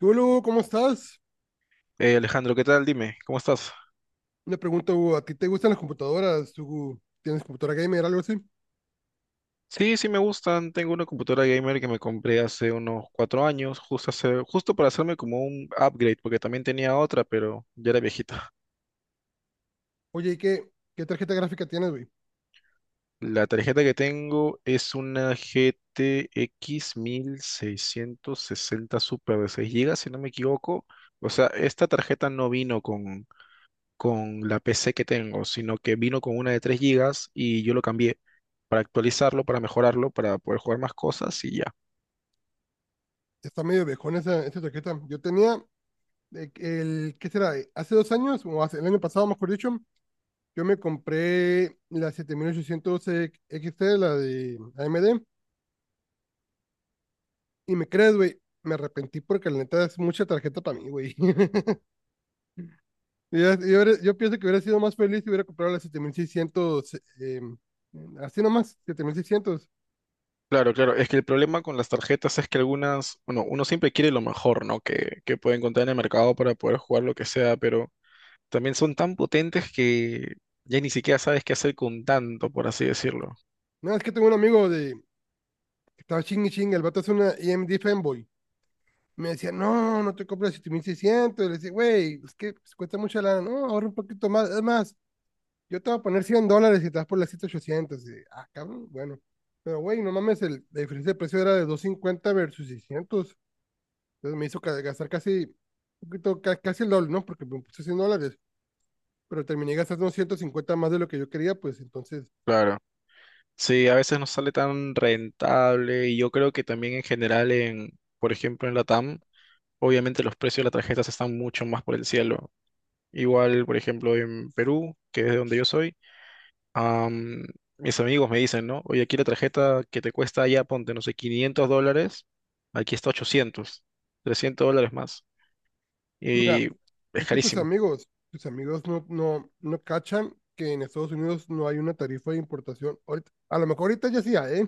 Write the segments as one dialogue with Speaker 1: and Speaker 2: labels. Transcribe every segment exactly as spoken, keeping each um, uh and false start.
Speaker 1: Hola, ¿cómo estás?
Speaker 2: Eh, Alejandro, ¿qué tal? Dime, ¿cómo estás?
Speaker 1: Una pregunta, Hugo. ¿A ti te gustan las computadoras? ¿Tú tienes computadora gamer, algo así?
Speaker 2: Sí, sí me gustan. Tengo una computadora gamer que me compré hace unos cuatro años, justo, hace- justo para hacerme como un upgrade, porque también tenía otra, pero ya era viejita.
Speaker 1: Oye, ¿y qué, qué tarjeta gráfica tienes, güey?
Speaker 2: La tarjeta que tengo es una G T X sesenta Super de seis gigas, si no me equivoco. O sea, esta tarjeta no vino con, con la P C que tengo, sino que vino con una de tres gigas y yo lo cambié para actualizarlo, para mejorarlo, para poder jugar más cosas y ya.
Speaker 1: Está medio viejona esa, esa tarjeta. Yo tenía, eh, el, ¿qué será? Hace dos años, o hace, el año pasado, mejor dicho, yo me compré la siete mil ochocientos equis te, la de A M D, y me crees, güey, me arrepentí porque la neta es mucha tarjeta para mí, güey. Yo, yo, hubiera- yo pienso que hubiera sido más feliz si hubiera comprado la siete mil seiscientos, eh, así nomás, siete mil seiscientos.
Speaker 2: Claro, claro. Es que el problema con las tarjetas es que algunas, bueno, uno siempre quiere lo mejor, ¿no? Que, que puede encontrar en el mercado para poder jugar lo que sea, pero también son tan potentes que ya ni siquiera sabes qué hacer con tanto, por así decirlo.
Speaker 1: No, es que tengo un amigo de que estaba ching y ching, el vato es una E M D fanboy. Me decía, no, no te compras siete mil seiscientos. Y le decía, güey, es que pues, cuesta mucha lana. No, ahorra un poquito más. Es más, yo te voy a poner cien dólares y te vas por la ochocientos. Y, ah, cabrón, bueno. Pero, güey, no mames, el, la diferencia de precio era de doscientos cincuenta versus seiscientos. Entonces me hizo ca- gastar casi, un poquito, ca- casi el doble, ¿no? Porque me puse cien dólares, pero terminé gastando ciento cincuenta más de lo que yo quería, pues entonces,
Speaker 2: Claro. Sí, a veces no sale tan rentable y yo creo que también en general en, por ejemplo, en Latam, obviamente los precios de las tarjetas están mucho más por el cielo. Igual, por ejemplo, en Perú, que es de donde yo soy. Am, mis amigos me dicen, ¿no? Oye, aquí la tarjeta que te cuesta allá, ponte, no sé, quinientos dólares, aquí está ochocientos trescientos dólares más.
Speaker 1: mira.
Speaker 2: Y es
Speaker 1: Es que tus
Speaker 2: carísimo.
Speaker 1: amigos, tus amigos no, no, no cachan que en Estados Unidos no hay una tarifa de importación. Ahorita- a lo mejor ahorita ya sí hay, ¿eh?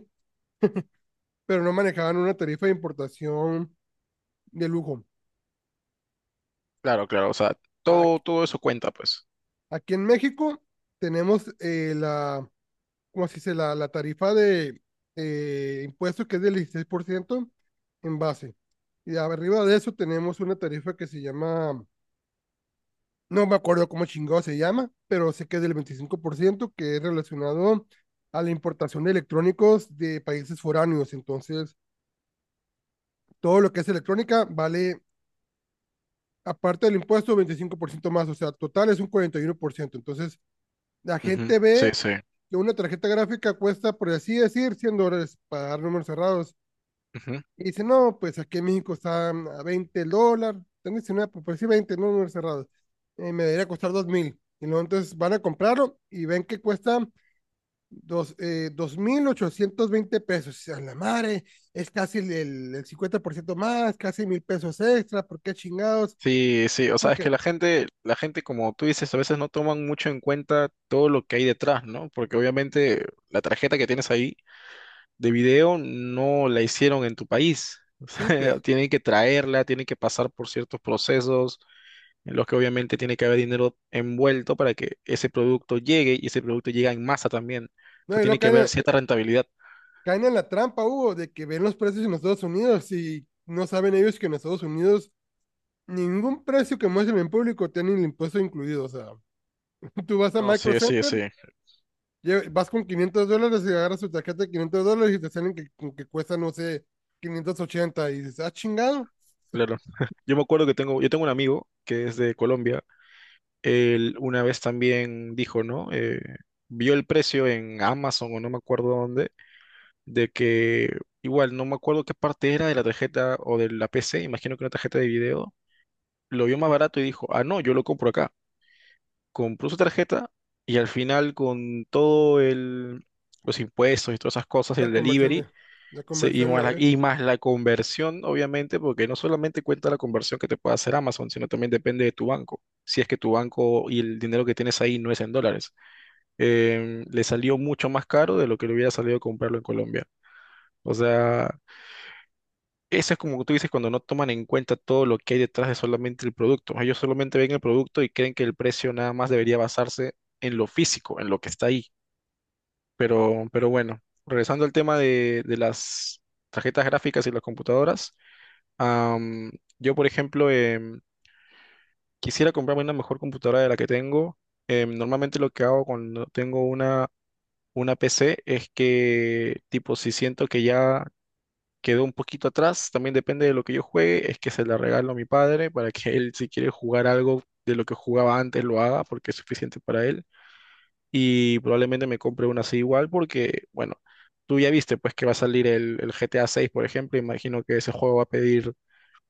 Speaker 1: Pero no manejaban una tarifa de importación de lujo.
Speaker 2: Claro, claro, o sea, todo,
Speaker 1: Aquí,
Speaker 2: todo eso cuenta, pues.
Speaker 1: aquí en México tenemos eh, la, ¿cómo se dice? La, la tarifa de eh, impuesto que es del dieciséis por ciento en base. Y arriba de eso tenemos una tarifa que se llama. No me acuerdo cómo chingado se llama, pero sé que es del veinticinco por ciento que es relacionado a la importación de electrónicos de países foráneos. Entonces, todo lo que es electrónica vale, aparte del impuesto, veinticinco por ciento más. O sea, total es un cuarenta y uno por ciento. Entonces, la
Speaker 2: Ujú.
Speaker 1: gente
Speaker 2: Sí,
Speaker 1: ve
Speaker 2: sí.
Speaker 1: que una tarjeta gráfica cuesta, por así decir, cien dólares para dar números cerrados.
Speaker 2: Ujú.
Speaker 1: Y dice, no, pues aquí en México está a veinte el dólar, están diecinueve, por decir veinte no, números cerrados. Eh, me debería costar dos mil. Y luego entonces van a comprarlo y ven que cuesta dos, eh, mil ochocientos veinte pesos. A la madre, es casi el, el, el cincuenta por ciento más, casi mil pesos extra, ¿por qué chingados?
Speaker 2: Sí, sí, o sea, es
Speaker 1: Porque,
Speaker 2: que la gente, la gente, como tú dices, a veces no toman mucho en cuenta todo lo que hay detrás, ¿no? Porque obviamente la tarjeta que tienes ahí de video no la hicieron en tu país. O
Speaker 1: sí, pues,
Speaker 2: sea, tienen que traerla, tienen que pasar por ciertos procesos en los que obviamente tiene que haber dinero envuelto para que ese producto llegue y ese producto llega en masa también. O
Speaker 1: no,
Speaker 2: sea,
Speaker 1: y luego
Speaker 2: tiene que haber
Speaker 1: caen,
Speaker 2: cierta rentabilidad.
Speaker 1: caen en la trampa, Hugo, de que ven los precios en los Estados Unidos y no saben ellos que en Estados Unidos ningún precio que muestren en público tiene el impuesto incluido, o sea. Tú vas a
Speaker 2: No,
Speaker 1: Micro
Speaker 2: sí, sí,
Speaker 1: Center,
Speaker 2: sí,
Speaker 1: lle- vas con quinientos dólares y agarras tu tarjeta de quinientos dólares y te salen que, con que cuesta, no sé, quinientos ochenta y dices, ah, chingado,
Speaker 2: claro. Yo me acuerdo que tengo, yo tengo un amigo que es de Colombia. Él una vez también dijo, ¿no? Eh, vio el precio en Amazon o no me acuerdo dónde, de que igual no me acuerdo qué parte era de la tarjeta o de la P C, imagino que una tarjeta de video. Lo vio más barato y dijo, ah, no, yo lo compro acá. Compró su tarjeta y al final con todo el, los impuestos y todas esas cosas,
Speaker 1: la
Speaker 2: el
Speaker 1: conversión de,
Speaker 2: delivery
Speaker 1: la
Speaker 2: se- y,
Speaker 1: conversión le
Speaker 2: más la,
Speaker 1: abre.
Speaker 2: y más la conversión, obviamente, porque no solamente cuenta la conversión que te puede hacer Amazon, sino también depende de tu banco. Si es que tu banco y el dinero que tienes ahí no es en dólares, Em, le salió mucho más caro de lo que le hubiera salido comprarlo en Colombia. O sea, eso es como tú dices cuando no toman en cuenta todo lo que hay detrás de solamente el producto. Ellos solamente ven el producto y creen que el precio nada más debería basarse en lo físico, en lo que está ahí. Pero, pero bueno, regresando al tema de, de las tarjetas gráficas y las computadoras, am, yo por ejemplo em, quisiera comprarme una mejor computadora de la que tengo. Em, normalmente lo que hago cuando tengo una, una P C es que tipo si siento que ya quedó un poquito atrás, también depende de lo que yo juegue, es que se la regalo a mi padre para que él si quiere jugar algo de lo que jugaba antes lo haga porque es suficiente para él y probablemente me compre una así igual porque, bueno, tú ya viste pues que va a salir el, el G T A seis, por ejemplo, imagino que ese juego va a pedir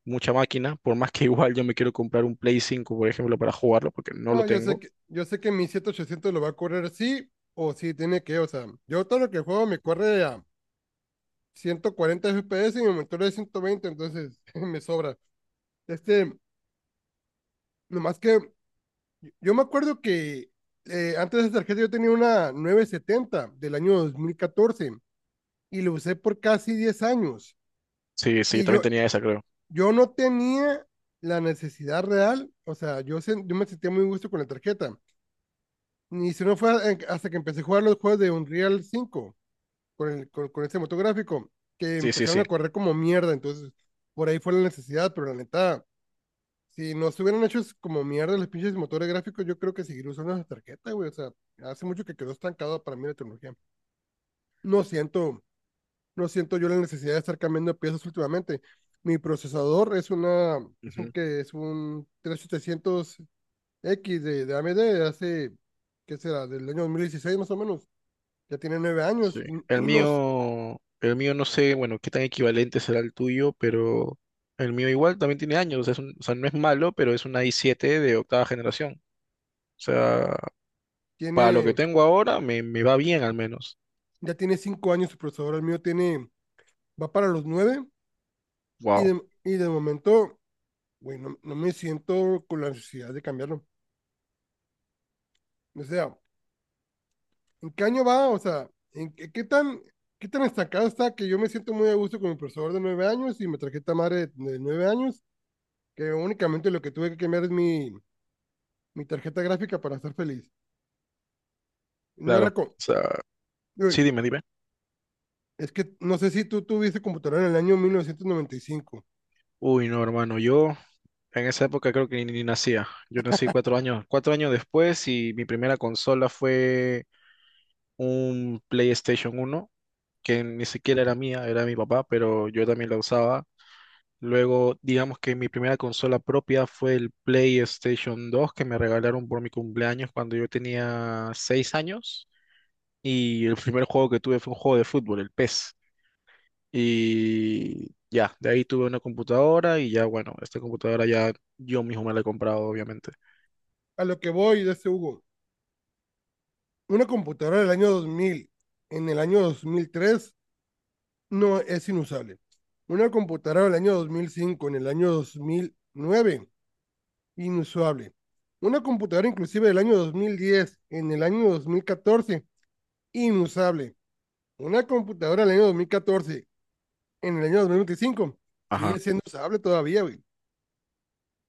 Speaker 2: mucha máquina, por más que igual yo me quiero comprar un Play cinco por ejemplo, para jugarlo porque no lo
Speaker 1: No, yo sé
Speaker 2: tengo.
Speaker 1: que, yo sé que mi siete ochocientos lo va a correr sí o sí, tiene que, o sea, yo todo lo que juego me corre a ciento cuarenta F P S y mi monitor es ciento veinte, entonces me sobra. Este, nomás que yo me acuerdo que eh, antes de esa tarjeta yo tenía una nueve setenta del año dos mil catorce y lo usé por casi diez años.
Speaker 2: Sí, sí, yo
Speaker 1: Y yo,
Speaker 2: también tenía esa, creo.
Speaker 1: yo no tenía la necesidad real, o sea, yo, se, yo me sentía muy gusto con la tarjeta. Ni si no fue hasta que empecé a jugar los juegos de Unreal cinco con, el, con, con ese motográfico, que
Speaker 2: Sí, sí,
Speaker 1: empezaron
Speaker 2: sí.
Speaker 1: a correr como mierda, entonces por ahí fue la necesidad, pero la neta, si nos hubieran hecho como mierda los pinches motores gráficos, yo creo que seguir usando esa tarjeta, güey. O sea, hace mucho que quedó estancado para mí la tecnología. No siento no siento yo la necesidad de estar cambiando piezas últimamente. Mi procesador es una, es un que es un tres mil setecientos equis de, de A M D de hace, ¿qué será? Del año dos mil dieciséis más o menos. Ya tiene nueve
Speaker 2: Sí.
Speaker 1: años y,
Speaker 2: El
Speaker 1: y nos
Speaker 2: mío, el mío no sé, bueno, qué tan equivalente será el tuyo, pero el mío igual también tiene años, o sea, es un- o sea, no es malo, pero es una i siete de octava generación. O sea, para lo que
Speaker 1: tiene,
Speaker 2: tengo ahora me, me va bien al menos.
Speaker 1: ya tiene cinco años su procesador. El mío tiene, va para los nueve y
Speaker 2: Wow,
Speaker 1: de, y de momento, güey, no, no me siento con la necesidad de cambiarlo. O sea, ¿en qué año va? O sea, ¿en qué, qué tan, qué tan destacado está que yo me siento muy a gusto con mi procesador de nueve años y mi tarjeta madre de nueve años, que únicamente lo que tuve que cambiar es mi, mi tarjeta gráfica para estar feliz. No
Speaker 2: claro.
Speaker 1: era
Speaker 2: O
Speaker 1: con...
Speaker 2: sea, sí,
Speaker 1: Uy,
Speaker 2: dime, dime.
Speaker 1: es que no sé si tú tuviste computadora en el año mil novecientos noventa y cinco.
Speaker 2: Uy, no, hermano, yo en esa época creo que ni, ni nacía. Yo nací cuatro años, cuatro años después y mi primera consola fue un PlayStation uno que ni siquiera era mía, era de mi papá, pero yo también la usaba. Luego, digamos que mi primera consola propia fue el PlayStation dos que me regalaron por mi cumpleaños cuando yo tenía seis años. Y el primer juego que tuve fue un juego de fútbol, el PES. Y ya, de ahí tuve una computadora y ya, bueno, esta computadora ya yo mismo me la he comprado, obviamente.
Speaker 1: A lo que voy, de ese Hugo, una computadora del año dos mil, en el año dos mil tres no es inusable. Una computadora del año dos mil cinco, en el año dos mil nueve. Inusable. Una computadora inclusive del año dos mil diez en el año dos mil catorce inusable. Una computadora del año dos mil catorce en el año dos mil veinticinco
Speaker 2: Ajá.
Speaker 1: sigue siendo usable todavía, güey.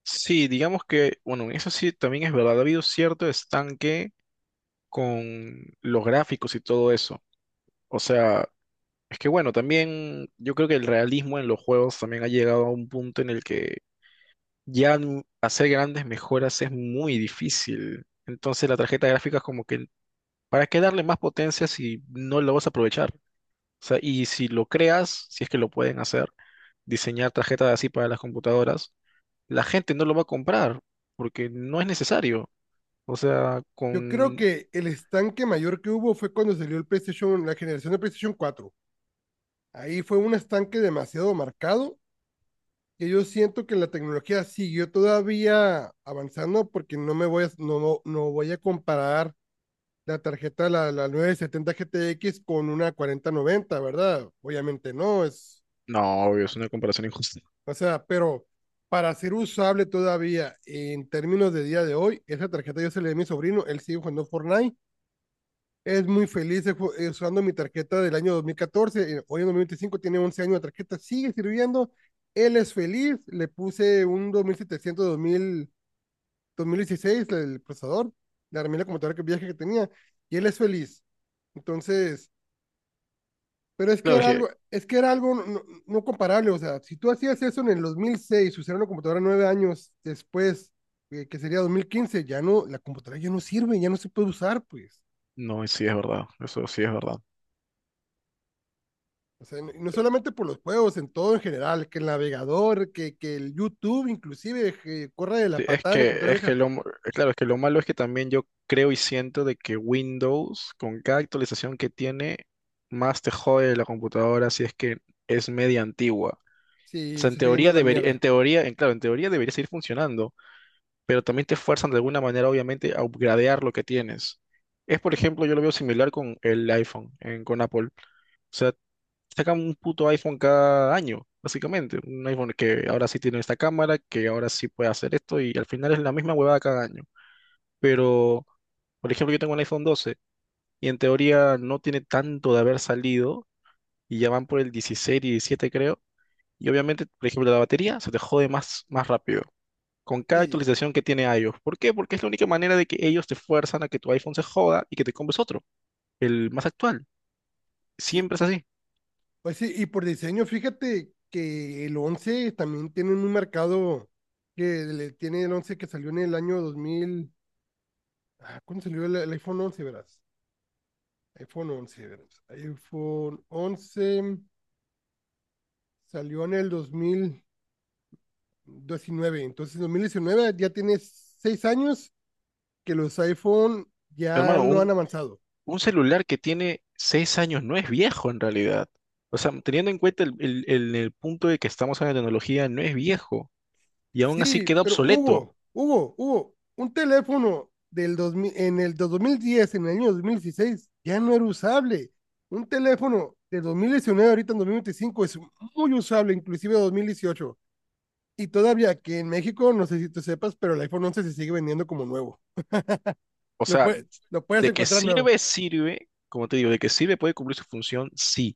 Speaker 2: Sí, digamos que, bueno, eso sí también es verdad, ha habido cierto estanque con los gráficos y todo eso. O sea, es que bueno, también yo creo que el realismo en los juegos también ha llegado a un punto en el que ya n- hacer grandes mejoras es muy difícil. Entonces la tarjeta gráfica es como que, ¿para qué darle más potencia si no lo vas a aprovechar? O sea, y si lo creas, si es que lo pueden hacer, diseñar tarjetas así para las computadoras, la gente no lo va a comprar porque no es necesario. O sea,
Speaker 1: Yo creo
Speaker 2: con...
Speaker 1: que el estanque mayor que hubo fue cuando salió el PlayStation, la generación de PlayStation cuatro. Ahí fue un estanque demasiado marcado que yo siento que la tecnología siguió todavía avanzando porque no me voy a, no, no no voy a comparar la tarjeta, la, la nueve setenta G T equis con una cuarenta noventa, ¿verdad? Obviamente no, es,
Speaker 2: No, obvio, es una comparación injusta.
Speaker 1: o sea, pero para ser usable todavía en términos de día de hoy, esa tarjeta yo se la di a mi sobrino, él sigue jugando Fortnite, es muy feliz usando mi tarjeta del año dos mil catorce, eh, hoy en dos mil veinticinco tiene once años de tarjeta, sigue sirviendo, él es feliz, le puse un dos dos mil mil setecientos dos mil dos mil dieciséis el procesador, le armé la computadora que viaje que tenía, y él es feliz. Entonces, pero es que
Speaker 2: Claro es
Speaker 1: era
Speaker 2: que...
Speaker 1: algo, es que era algo, no, no no comparable, o sea, si tú hacías eso en el dos mil seis usar una computadora nueve años después, eh, que sería dos mil quince ya no, la computadora ya no sirve, ya no se puede usar, pues.
Speaker 2: No, sí es verdad, eso sí es verdad.
Speaker 1: O sea, no, no solamente por los juegos, en todo en general, que el navegador, que, que el YouTube, inclusive, que corre de la
Speaker 2: Sí, es
Speaker 1: patada en la
Speaker 2: que,
Speaker 1: computadora
Speaker 2: es que
Speaker 1: vieja.
Speaker 2: lo, m- claro, es que lo malo es que también yo creo y siento de que Windows, con cada actualización que tiene, más te jode la computadora si es que es media antigua. O
Speaker 1: Sí,
Speaker 2: sea,
Speaker 1: se
Speaker 2: en
Speaker 1: está yendo a
Speaker 2: teoría
Speaker 1: la
Speaker 2: debería, en
Speaker 1: mierda.
Speaker 2: teoría, en, claro, en teoría debería seguir funcionando, pero también te fuerzan de alguna manera, obviamente, a upgradear lo que tienes. Es, por ejemplo, yo lo veo similar con el iPhone, en- con Apple. O sea, sacan un puto iPhone cada año, básicamente. Un iPhone que ahora sí tiene esta cámara, que ahora sí puede hacer esto, y al final es la misma huevada cada año, pero por ejemplo yo tengo un iPhone doce y en teoría no tiene tanto de haber salido y ya van por el dieciséis y diecisiete creo, y obviamente por ejemplo la batería se te jode más, más rápido con cada
Speaker 1: Sí,
Speaker 2: actualización que tiene iOS. ¿Por qué? Porque es la única manera de que ellos te fuerzan a que tu iPhone se joda y que te compres otro, el más actual.
Speaker 1: sí.
Speaker 2: Siempre es así.
Speaker 1: Pues sí, y por diseño, fíjate que el once también tiene un mercado que le tiene el once que salió en el año dos mil. Ah, ¿cuándo salió el, el iPhone once, verás? iPhone once, verás. iPhone once salió en el dos mil diecinueve. Entonces, en dos mil diecinueve ya tiene seis años que los iPhone ya
Speaker 2: Hermano,
Speaker 1: no han
Speaker 2: un,
Speaker 1: avanzado.
Speaker 2: un celular que tiene seis años no es viejo en realidad. O sea, teniendo en cuenta el, el el- el punto de que estamos en la tecnología, no es viejo y aún así
Speaker 1: Sí,
Speaker 2: queda
Speaker 1: pero
Speaker 2: obsoleto.
Speaker 1: Hugo, Hugo, Hugo, un teléfono del dos mil en el dos mil diez en el año dos mil dieciséis ya no era usable. Un teléfono del dos mil diecinueve ahorita en dos mil veinticinco es muy usable, inclusive dos mil dieciocho. Y todavía aquí en México, no sé si tú sepas, pero el iPhone once se sigue vendiendo como nuevo.
Speaker 2: O
Speaker 1: Lo,
Speaker 2: sea,
Speaker 1: puede- lo puedes
Speaker 2: de que
Speaker 1: encontrar nuevo.
Speaker 2: sirve, sirve, como te digo, de que sirve puede cumplir su función, sí,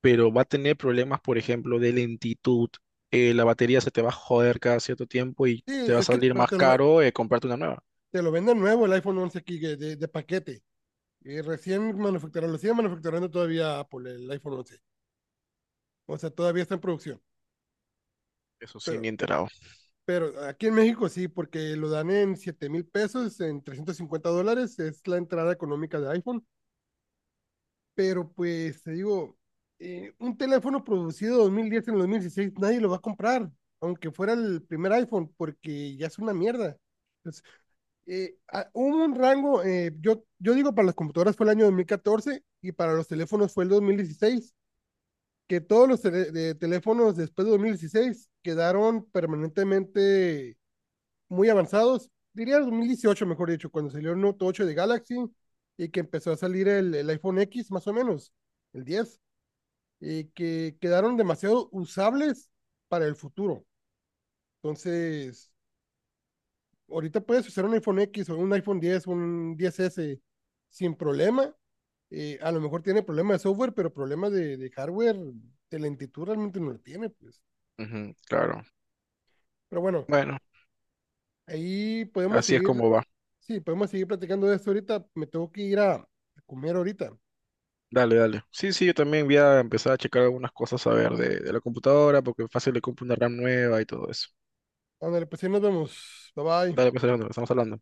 Speaker 2: pero va a tener problemas, por ejemplo, de lentitud. Eh, la batería se te va a joder cada cierto tiempo y
Speaker 1: Sí,
Speaker 2: te va a
Speaker 1: es que
Speaker 2: salir
Speaker 1: pero
Speaker 2: más
Speaker 1: te, lo, ve-
Speaker 2: caro eh, comprarte una nueva.
Speaker 1: te lo venden nuevo el iPhone once aquí de, de- de paquete. Y recién manufacturado, lo sigue manufacturando todavía Apple, el iPhone once. O sea, todavía está en producción.
Speaker 2: Eso sí, ni
Speaker 1: Pero,
Speaker 2: enterado.
Speaker 1: pero aquí en México sí, porque lo dan en siete mil pesos, en trescientos cincuenta dólares, es la entrada económica de iPhone. Pero pues te digo, eh, un teléfono producido dos mil diez en el dos mil dieciséis nadie lo va a comprar, aunque fuera el primer iPhone, porque ya es una mierda. Entonces, eh, a- hubo un rango, eh, yo, yo digo para las computadoras fue el año dos mil catorce y para los teléfonos fue el dos mil dieciséis que todos los tele- de teléfonos después de dos mil dieciséis quedaron permanentemente muy avanzados. Diría dos mil dieciocho mejor dicho, cuando salió el Note ocho de Galaxy y que empezó a salir el, el iPhone X, más o menos, el diez eh, que quedaron demasiado usables para el futuro. Entonces, ahorita puedes usar un iPhone X o un iPhone diez, un diez ese sin problema. Eh, a lo mejor tiene problemas de software, pero problemas de, de hardware, de lentitud realmente no lo tiene, pues.
Speaker 2: Ujú, claro.
Speaker 1: Pero bueno,
Speaker 2: Bueno,
Speaker 1: ahí podemos
Speaker 2: así es
Speaker 1: seguir,
Speaker 2: como va.
Speaker 1: sí, podemos seguir platicando de esto ahorita. Me tengo que ir a, a comer ahorita.
Speaker 2: Dale, dale. Sí, sí, yo también voy a empezar a checar algunas cosas a ver de, de la computadora, porque fácil le compro una RAM nueva y todo eso.
Speaker 1: Ándale, pues ahí nos vemos. Bye
Speaker 2: Dale,
Speaker 1: bye.
Speaker 2: pues, Alejandro, estamos hablando.